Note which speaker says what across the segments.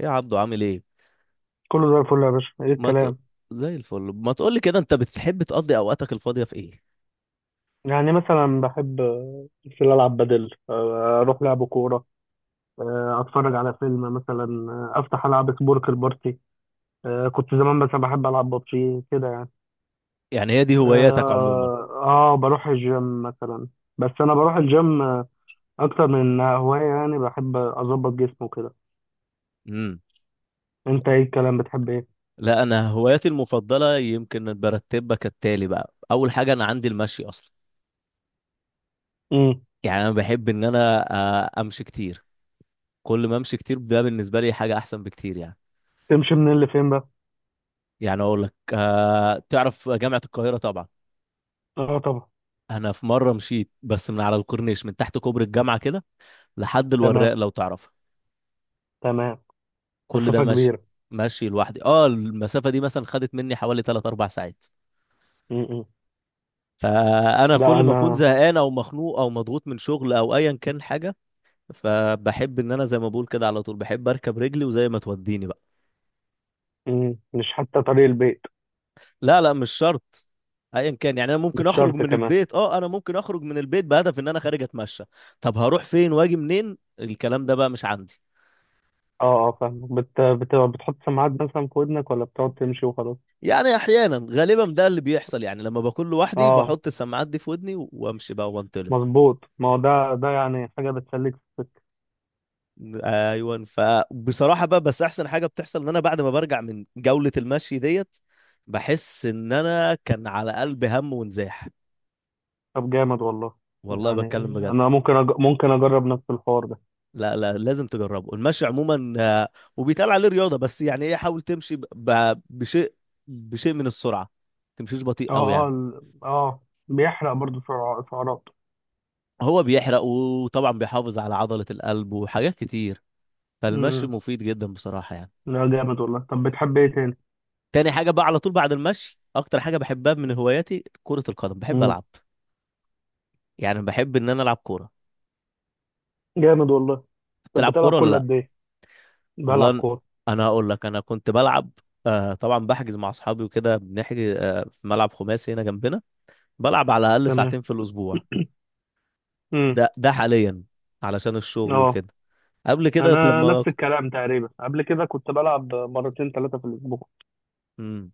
Speaker 1: ايه يا عبدو، عامل ايه؟
Speaker 2: كله زي الفل يا باشا، ايه
Speaker 1: ما ت...
Speaker 2: الكلام؟
Speaker 1: زي الفل، ما تقولي كده، انت بتحب تقضي اوقاتك الفاضيه في ايه؟
Speaker 2: يعني مثلا بحب في العب بدل اروح لعب كوره. اتفرج على فيلم مثلا. افتح العب سبورك بارتي. كنت زمان مثلا بحب العب ببجي كده يعني.
Speaker 1: يعني هي دي هواياتك عموما؟
Speaker 2: اه، بروح الجيم مثلا. بس انا بروح الجيم، اكتر من هوايه، يعني بحب اظبط جسمه كده.
Speaker 1: امم.
Speaker 2: انت ايه الكلام، بتحب ايه؟
Speaker 1: لا انا هواياتي المفضله يمكن برتبها كالتالي بقى. اول حاجه انا عندي المشي اصلا.
Speaker 2: امم.
Speaker 1: يعني انا بحب ان انا امشي كتير. كل ما امشي كتير ده بالنسبه لي حاجه احسن بكتير يعني.
Speaker 2: تمشي منين لفين بقى؟
Speaker 1: يعني اقول لك تعرف جامعه القاهره طبعا.
Speaker 2: اه طبعا.
Speaker 1: انا في مره مشيت بس من على الكورنيش، من تحت كوبري الجامعه كده، لحد الوراق
Speaker 2: تمام،
Speaker 1: لو تعرف.
Speaker 2: تمام.
Speaker 1: كل ده
Speaker 2: مسافه
Speaker 1: ماشي،
Speaker 2: كبيره.
Speaker 1: ماشي لوحدي. اه، المسافه دي مثلا خدت مني حوالي 3 4 ساعات.
Speaker 2: امم.
Speaker 1: فانا
Speaker 2: لا
Speaker 1: كل
Speaker 2: انا.
Speaker 1: ما اكون زهقان او مخنوق او مضغوط من شغل او ايا كان حاجه، فبحب ان انا زي ما بقول كده على طول بحب اركب رجلي وزي ما توديني بقى.
Speaker 2: مم. مش حتى طريق البيت.
Speaker 1: لا لا، مش شرط. ايا كان. يعني انا
Speaker 2: مش
Speaker 1: ممكن اخرج
Speaker 2: شرط
Speaker 1: من
Speaker 2: كمان.
Speaker 1: البيت، اه، انا ممكن اخرج من البيت بهدف ان انا خارج اتمشى. طب هروح فين واجي منين؟ الكلام ده بقى مش عندي.
Speaker 2: اه، اه، فاهم. بتحط سماعات مثلا في ودنك، ولا بتقعد تمشي وخلاص؟
Speaker 1: يعني احيانا، غالبا ده اللي بيحصل يعني، لما بكون لوحدي
Speaker 2: اه،
Speaker 1: بحط السماعات دي في ودني وامشي بقى وانطلق.
Speaker 2: مظبوط، ما هو ده يعني حاجة بتسليك في السكة.
Speaker 1: ايوه، فبصراحه بقى، بس احسن حاجه بتحصل ان انا بعد ما برجع من جوله المشي ديت، بحس ان انا كان على قلبي هم ونزاح.
Speaker 2: طب جامد والله.
Speaker 1: والله
Speaker 2: يعني
Speaker 1: بتكلم بجد.
Speaker 2: انا ممكن اجرب نفس الحوار ده.
Speaker 1: لا لا، لازم تجربه. المشي عموما وبيتقال عليه رياضه، بس يعني ايه، حاول تمشي بشيء من السرعه. تمشيش بطيء قوي
Speaker 2: اه، اه،
Speaker 1: يعني.
Speaker 2: بيحرق برضو سعرات.
Speaker 1: هو بيحرق، وطبعا بيحافظ على عضله القلب وحاجات كتير. فالمشي
Speaker 2: امم.
Speaker 1: مفيد جدا بصراحه يعني.
Speaker 2: لا جامد والله. طب بتحب ايه تاني؟
Speaker 1: تاني حاجه بقى على طول بعد المشي، اكتر حاجه بحبها من هواياتي كره القدم، بحب
Speaker 2: امم.
Speaker 1: العب. يعني بحب ان انا العب كوره.
Speaker 2: جامد والله. طب
Speaker 1: بتلعب
Speaker 2: بتلعب
Speaker 1: كوره ولا
Speaker 2: كل
Speaker 1: لا؟
Speaker 2: قد ايه؟ بلعب
Speaker 1: والله
Speaker 2: كورة.
Speaker 1: انا هقول لك، انا كنت بلعب. طبعا بحجز مع اصحابي وكده، بنحجز في ملعب خماسي هنا جنبنا. بلعب على الاقل
Speaker 2: تمام.
Speaker 1: ساعتين في الاسبوع.
Speaker 2: امم.
Speaker 1: ده حاليا، علشان الشغل
Speaker 2: اه،
Speaker 1: وكده. قبل كده
Speaker 2: انا
Speaker 1: لما.
Speaker 2: نفس الكلام تقريبا، قبل كده كنت بلعب مرتين ثلاثة في الاسبوع.
Speaker 1: امم.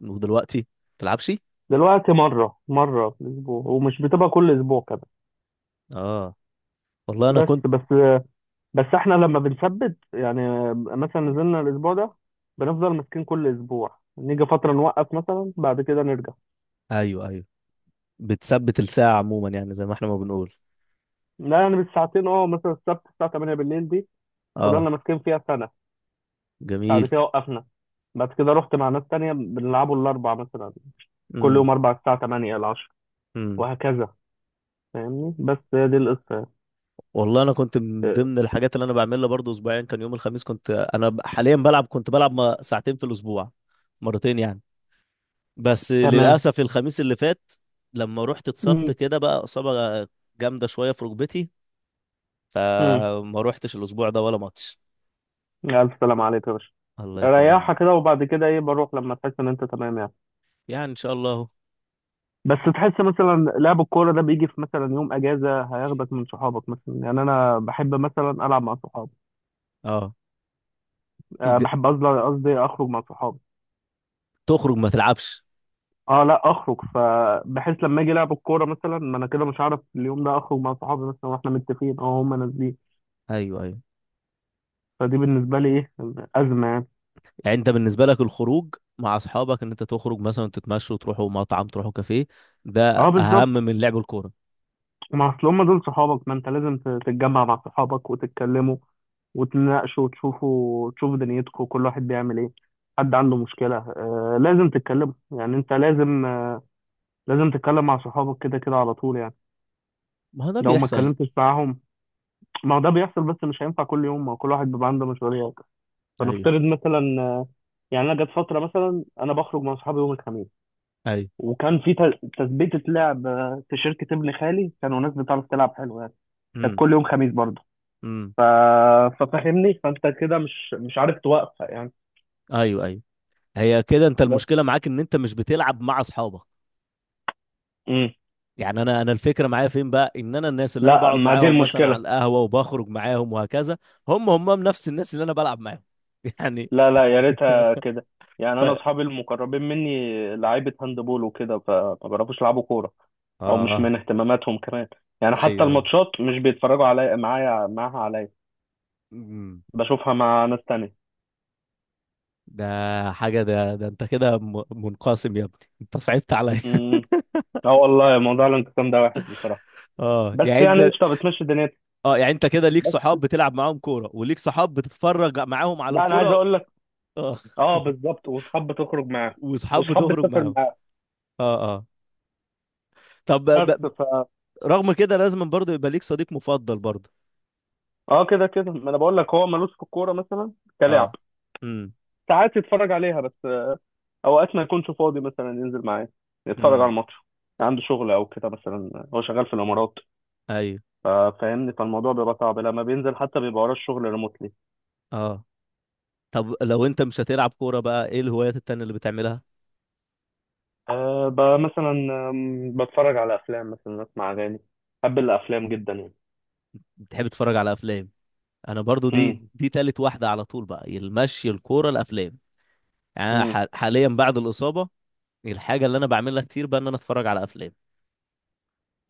Speaker 1: ودلوقتي؟ تلعبش؟
Speaker 2: دلوقتي مرة مرة في الأسبوع، ومش بتبقى كل أسبوع كده.
Speaker 1: اه، والله انا
Speaker 2: بس.
Speaker 1: كنت.
Speaker 2: بس احنا لما بنثبت، يعني مثلا نزلنا الأسبوع ده، بنفضل ماسكين كل أسبوع، نيجي فترة نوقف، مثلا بعد كده نرجع.
Speaker 1: ايوه، ايوه. بتثبت الساعه عموما، يعني زي ما احنا ما بنقول.
Speaker 2: لا يعني بالساعتين، اه، مثلا السبت الساعة 8 بالليل دي
Speaker 1: اه،
Speaker 2: فضلنا ماسكين فيها سنة. بعد
Speaker 1: جميل.
Speaker 2: كده وقفنا. بعد كده رحت مع ناس تانية، بنلعبوا الأربع مثلا، كل
Speaker 1: امم.
Speaker 2: يوم أربع الساعة 8 ل 10 وهكذا. فاهمني؟ بس هي دي القصة.
Speaker 1: والله انا كنت من
Speaker 2: اه،
Speaker 1: ضمن الحاجات اللي انا بعملها برضو اسبوعيا كان يوم الخميس. كنت انا حاليا بلعب، كنت بلعب ساعتين في الاسبوع، مرتين يعني. بس
Speaker 2: تمام.
Speaker 1: للاسف الخميس اللي فات لما رحت اتصبت
Speaker 2: مم.
Speaker 1: كده بقى، اصابة جامدة شوية في ركبتي،
Speaker 2: مم.
Speaker 1: فما روحتش الاسبوع ده ولا ماتش.
Speaker 2: ألف سلام عليك يا باشا.
Speaker 1: الله يسلمني.
Speaker 2: ريحها كده، وبعد كده ايه بروح لما تحس ان انت تمام يعني.
Speaker 1: يعني ان شاء الله اهو.
Speaker 2: بس تحس مثلا لعب الكوره ده بيجي في مثلا يوم اجازه، هياخدك من صحابك، مثلا يعني انا بحب مثلا العب مع صحابي.
Speaker 1: اه.
Speaker 2: أه
Speaker 1: إد-
Speaker 2: بحب قصدي اخرج مع صحابي.
Speaker 1: تخرج ما تلعبش؟
Speaker 2: اه لا، اخرج فبحيث لما اجي لعب الكوره مثلا، ما انا كده مش هعرف اليوم ده اخرج مع صحابي، مثلا واحنا متفقين اه هم نازلين.
Speaker 1: ايوه، ايوه.
Speaker 2: فدي بالنسبه لي ايه، ازمه يعني.
Speaker 1: يعني انت بالنسبة لك الخروج مع اصحابك، ان انت تخرج مثلا تتمشوا، تروحوا مطعم، تروحوا كافيه، ده
Speaker 2: اه،
Speaker 1: اهم
Speaker 2: بالظبط.
Speaker 1: من لعب الكورة؟
Speaker 2: ما اصل هم دول صحابك، ما انت لازم تتجمع مع صحابك وتتكلموا وتناقشوا، تشوفوا دنيتكم كل واحد بيعمل ايه. حد عنده مشكلة، لازم تتكلموا، يعني انت لازم، لازم تتكلم مع صحابك كده كده على طول يعني.
Speaker 1: ما هو ده
Speaker 2: لو ما
Speaker 1: بيحصل.
Speaker 2: اتكلمتش معاهم. ما هو ده بيحصل، بس مش هينفع كل يوم، ما هو كل واحد بيبقى عنده مسؤوليات.
Speaker 1: ايوه،
Speaker 2: فنفترض مثلا، يعني انا جت فترة، مثلا انا بخرج مع صحابي يوم الخميس،
Speaker 1: ايوه.
Speaker 2: وكان في تثبيتة لعب، في شركة ابن خالي، كانوا ناس بتعرف تلعب حلو يعني. كانت
Speaker 1: امم.
Speaker 2: كل يوم خميس برضه.
Speaker 1: امم.
Speaker 2: ف... ففهمني، فانت كده مش عارف توقفها يعني.
Speaker 1: ايوه، ايوه. هي كده انت
Speaker 2: بس.
Speaker 1: المشكله معاك ان انت مش بتلعب مع اصحابك.
Speaker 2: امم.
Speaker 1: يعني انا الفكره معايا فين بقى، ان انا الناس اللي انا
Speaker 2: لا،
Speaker 1: بقعد
Speaker 2: ما دي
Speaker 1: معاهم مثلا على
Speaker 2: المشكله.
Speaker 1: القهوه وبخرج معاهم وهكذا، هم نفس الناس اللي انا بلعب معاهم. يعني.
Speaker 2: لا، لا، يا ريتها كده. يعني
Speaker 1: ف...
Speaker 2: انا اصحابي المقربين مني لعيبه هاندبول وكده، فما بيعرفوش يلعبوا كوره، او مش
Speaker 1: اه.
Speaker 2: من اهتماماتهم كمان. يعني حتى
Speaker 1: ايوه، ايوه.
Speaker 2: الماتشات مش بيتفرجوا عليا معايا معاها عليا،
Speaker 1: امم.
Speaker 2: بشوفها مع ناس تانية.
Speaker 1: ده حاجه، ده انت كده منقسم يا ابني، انت صعبت عليا.
Speaker 2: امم. اه والله موضوع الانقسام ده وحش بصراحه،
Speaker 1: اه،
Speaker 2: بس
Speaker 1: يعني
Speaker 2: يعني
Speaker 1: انت.
Speaker 2: قشطه بتمشي دنيتي.
Speaker 1: اه، يعني انت كده ليك
Speaker 2: بس
Speaker 1: صحاب بتلعب معاهم كوره، وليك صحاب بتتفرج معاهم على
Speaker 2: لا، انا عايز
Speaker 1: الكوره.
Speaker 2: اقول لك،
Speaker 1: اه.
Speaker 2: اه، بالظبط، واصحاب بتخرج معاهم،
Speaker 1: وصحاب
Speaker 2: واصحاب
Speaker 1: بتخرج
Speaker 2: بتسافر
Speaker 1: معاهم.
Speaker 2: معاهم.
Speaker 1: اه، اه. طب
Speaker 2: بس.
Speaker 1: رغم كده لازم برضه يبقى ليك صديق مفضل برضه.
Speaker 2: اه كده كده، ما انا بقول لك هو ملوش في الكوره مثلا كلاعب.
Speaker 1: اه. امم.
Speaker 2: ساعات يتفرج عليها بس، اوقات ما يكونش فاضي مثلا ينزل معايا يتفرج على
Speaker 1: امم.
Speaker 2: الماتش، عنده شغل او كده، مثلا هو شغال في الامارات.
Speaker 1: ايوه.
Speaker 2: فاهمني، فالموضوع بيبقى صعب لما بينزل، حتى بيبقى وراه الشغل ريموتلي.
Speaker 1: اه. طب لو انت مش هتلعب كورة بقى، ايه الهوايات التانية اللي بتعملها؟
Speaker 2: أه، مثلا، بتفرج على افلام مثلا، اسمع اغاني، بحب الافلام جدا يعني.
Speaker 1: بتحب تتفرج على افلام. انا برضه، دي
Speaker 2: امم.
Speaker 1: دي تالت واحدة على طول بقى، المشي، الكورة، الافلام. يعني أنا
Speaker 2: امم.
Speaker 1: حاليا بعد الإصابة، الحاجة اللي انا بعملها كتير بقى ان انا اتفرج على افلام.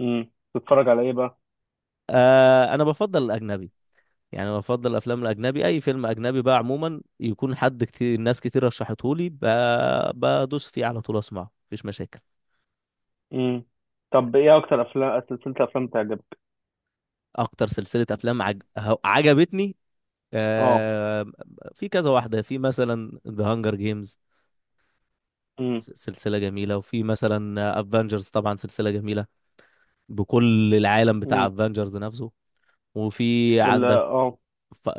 Speaker 2: امم. بتتفرج على ايه بقى؟
Speaker 1: انا بفضل الاجنبي. يعني انا بفضل الافلام الاجنبي. اي فيلم اجنبي بقى عموما يكون حد كتير ناس كتير رشحته لي، بدوس فيه على طول اسمعه، مفيش مشاكل.
Speaker 2: امم. طب ايه اكتر افلام، سلسله افلام بتعجبك؟
Speaker 1: اكتر سلسله افلام عجبتني،
Speaker 2: اه.
Speaker 1: آه... في كذا واحده، في مثلا ذا هانجر جيمز،
Speaker 2: امم.
Speaker 1: سلسله جميله. وفي مثلا افنجرز، طبعا سلسله جميله، بكل العالم بتاع
Speaker 2: امم.
Speaker 1: افنجرز نفسه. وفي
Speaker 2: ال-
Speaker 1: عندك
Speaker 2: اه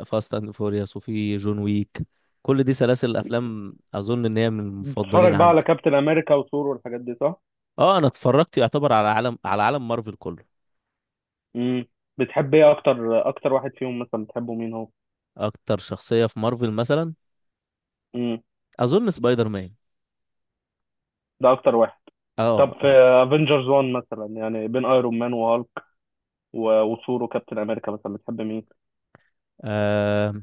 Speaker 1: فاست اند فوريوس، وفي جون ويك. كل دي سلاسل الافلام اظن ان هي من المفضلين
Speaker 2: بتتفرج بقى على
Speaker 1: عندي.
Speaker 2: كابتن امريكا وثور والحاجات دي، صح؟
Speaker 1: اه، انا اتفرجت يعتبر على عالم مارفل كله.
Speaker 2: امم. بتحب ايه؟ اكتر واحد فيهم مثلا بتحبه مين هو؟
Speaker 1: اكتر شخصية في مارفل مثلا؟
Speaker 2: امم.
Speaker 1: اظن سبايدر مان.
Speaker 2: ده اكتر واحد. طب
Speaker 1: اه،
Speaker 2: في
Speaker 1: اه.
Speaker 2: افنجرز 1 مثلا، يعني بين ايرون مان وهالك وثور وكابتن امريكا، مثلا بتحب مين؟
Speaker 1: آم،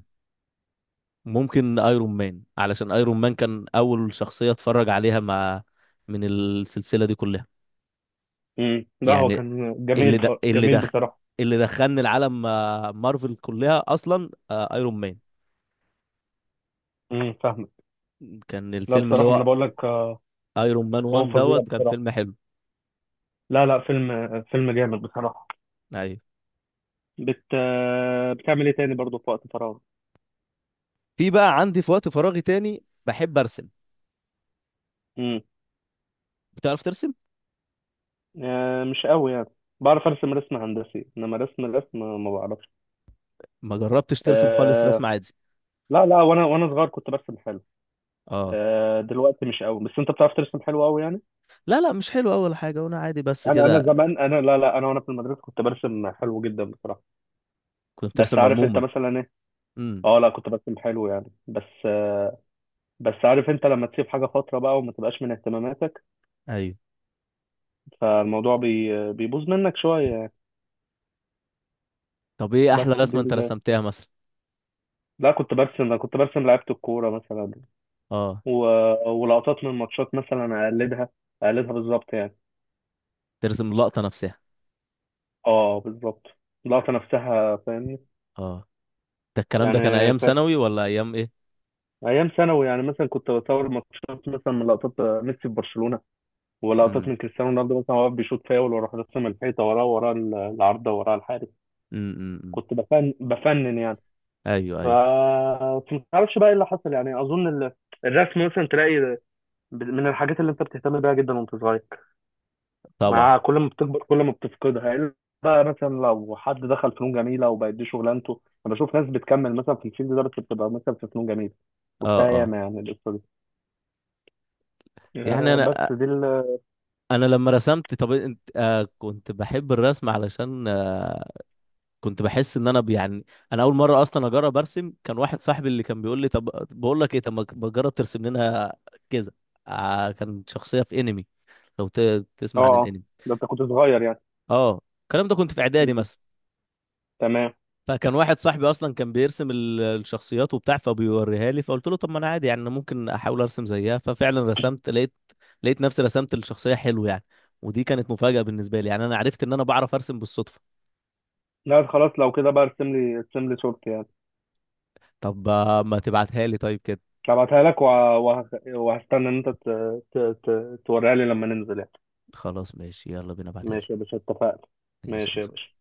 Speaker 1: ممكن ايرون مان، علشان ايرون مان كان اول شخصية اتفرج عليها، مع، من السلسلة دي كلها.
Speaker 2: امم. ده هو
Speaker 1: يعني
Speaker 2: كان جميل،
Speaker 1: اللي
Speaker 2: جميل
Speaker 1: دخل
Speaker 2: بصراحه.
Speaker 1: اللي دخلني العالم مارفل كلها اصلا، ايرون مان.
Speaker 2: امم، فاهمك.
Speaker 1: كان
Speaker 2: لا
Speaker 1: الفيلم اللي
Speaker 2: بصراحه ما انا
Speaker 1: هو
Speaker 2: بقول لك،
Speaker 1: ايرون مان 1
Speaker 2: هو فظيع
Speaker 1: دوت، كان
Speaker 2: بصراحه.
Speaker 1: فيلم حلو.
Speaker 2: لا، لا، فيلم، فيلم جامد بصراحه.
Speaker 1: ايوه.
Speaker 2: بت آه، بتعمل ايه تاني برضه في وقت فراغ؟
Speaker 1: في بقى عندي في وقت فراغي تاني بحب ارسم.
Speaker 2: امم.
Speaker 1: بتعرف ترسم؟
Speaker 2: مش قوي يعني. بعرف ارسم رسم هندسي، انما رسم، رسم ما بعرفش.
Speaker 1: ما جربتش ترسم خالص
Speaker 2: آه
Speaker 1: رسم عادي؟
Speaker 2: لا، لا، وانا صغير كنت برسم حلو.
Speaker 1: اه.
Speaker 2: دلوقتي مش قوي، بس انت بتعرف ترسم حلو قوي يعني.
Speaker 1: لا لا، مش حلو اول حاجه، وانا عادي بس
Speaker 2: انا
Speaker 1: كده.
Speaker 2: زمان، انا، لا، لا، انا وانا في المدرسه كنت برسم حلو جدا بصراحه.
Speaker 1: كنت
Speaker 2: بس
Speaker 1: بترسم
Speaker 2: عارف انت
Speaker 1: عموما؟
Speaker 2: مثلا ايه.
Speaker 1: امم.
Speaker 2: اه لا، كنت برسم حلو يعني بس. بس عارف انت لما تسيب حاجه فتره بقى، وما تبقاش من اهتماماتك،
Speaker 1: ايوه.
Speaker 2: فالموضوع بيبوظ منك شويه يعني.
Speaker 1: طب ايه
Speaker 2: بس
Speaker 1: احلى
Speaker 2: دي
Speaker 1: رسمه انت
Speaker 2: ال...
Speaker 1: رسمتها مثلا؟
Speaker 2: لا، كنت برسم، انا كنت برسم لعيبه الكوره مثلا،
Speaker 1: اه.
Speaker 2: و... ولقطات من ماتشات مثلا اقلدها، اقلدها بالظبط يعني.
Speaker 1: ترسم اللقطه نفسها.
Speaker 2: اه بالظبط، اللقطه نفسها فاهم.
Speaker 1: اه. ده الكلام ده كان
Speaker 2: يعني،
Speaker 1: ايام
Speaker 2: فاكر،
Speaker 1: ثانوي ولا ايام ايه؟
Speaker 2: ايام ثانوي، يعني مثلا كنت بصور ماتشات مثلا من لقطات ميسي في برشلونه، ولقطات
Speaker 1: امم.
Speaker 2: من كريستيانو رونالدو مثلا، وهو واقف بيشوط فاول، وراح راسم الحيطه وراه، العارضه وراه الحارس.
Speaker 1: امم. أمم، أمم.
Speaker 2: كنت بفنن يعني.
Speaker 1: ايوه،
Speaker 2: ف
Speaker 1: ايوه.
Speaker 2: بس ما تعرفش بقى ايه اللي حصل. يعني اظن الرسم مثلا تلاقي من الحاجات اللي انت بتهتم بيها جدا وانت صغير،
Speaker 1: طبعا.
Speaker 2: مع كل ما بتكبر كل ما بتفقدها، إلا بقى مثلا لو حد دخل فنون جميله وبقت دي شغلانته، انا بشوف ناس بتكمل مثلا في الفيلد ده، بس بتبقى مثلا في فنون جميله،
Speaker 1: اه،
Speaker 2: شفتها
Speaker 1: اه.
Speaker 2: ياما يعني.
Speaker 1: يعني
Speaker 2: آه،
Speaker 1: انا
Speaker 2: بس دي ال اه
Speaker 1: انا لما رسمت، طب انت كنت بحب الرسم علشان كنت بحس ان انا يعني، انا اول مره اصلا اجرب ارسم، كان واحد صاحبي اللي كان بيقول لي: طب، بقول لك ايه، طب ما تجرب ترسم لنا كذا. كان شخصيه في انمي، لو تسمع عن
Speaker 2: اه
Speaker 1: الانمي.
Speaker 2: ده انت كنت صغير يعني.
Speaker 1: اه، الكلام ده كنت في اعدادي
Speaker 2: مم.
Speaker 1: مثلا.
Speaker 2: تمام.
Speaker 1: فكان واحد صاحبي اصلا كان بيرسم الشخصيات وبتاع فبيوريها لي، فقلت له: طب ما انا عادي، يعني أنا ممكن احاول ارسم زيها. ففعلا رسمت، لقيت نفسي رسمت الشخصيه حلو يعني. ودي كانت مفاجاه بالنسبه لي، يعني انا عرفت ان انا بعرف ارسم بالصدفه.
Speaker 2: لا خلاص، لو كده بقى ارسم لي، ارسم لي صورتي يعني.
Speaker 1: طب ما تبعتها لي طيب كده.
Speaker 2: هبعتها لك، وهستنى ان انت ت... توريها لي لما ننزل يعني.
Speaker 1: خلاص ماشي، يلا بينا، بعتها لي.
Speaker 2: ماشي يا باشا، اتفقنا.
Speaker 1: ماشي،
Speaker 2: ماشي يا
Speaker 1: يلا.
Speaker 2: باشا.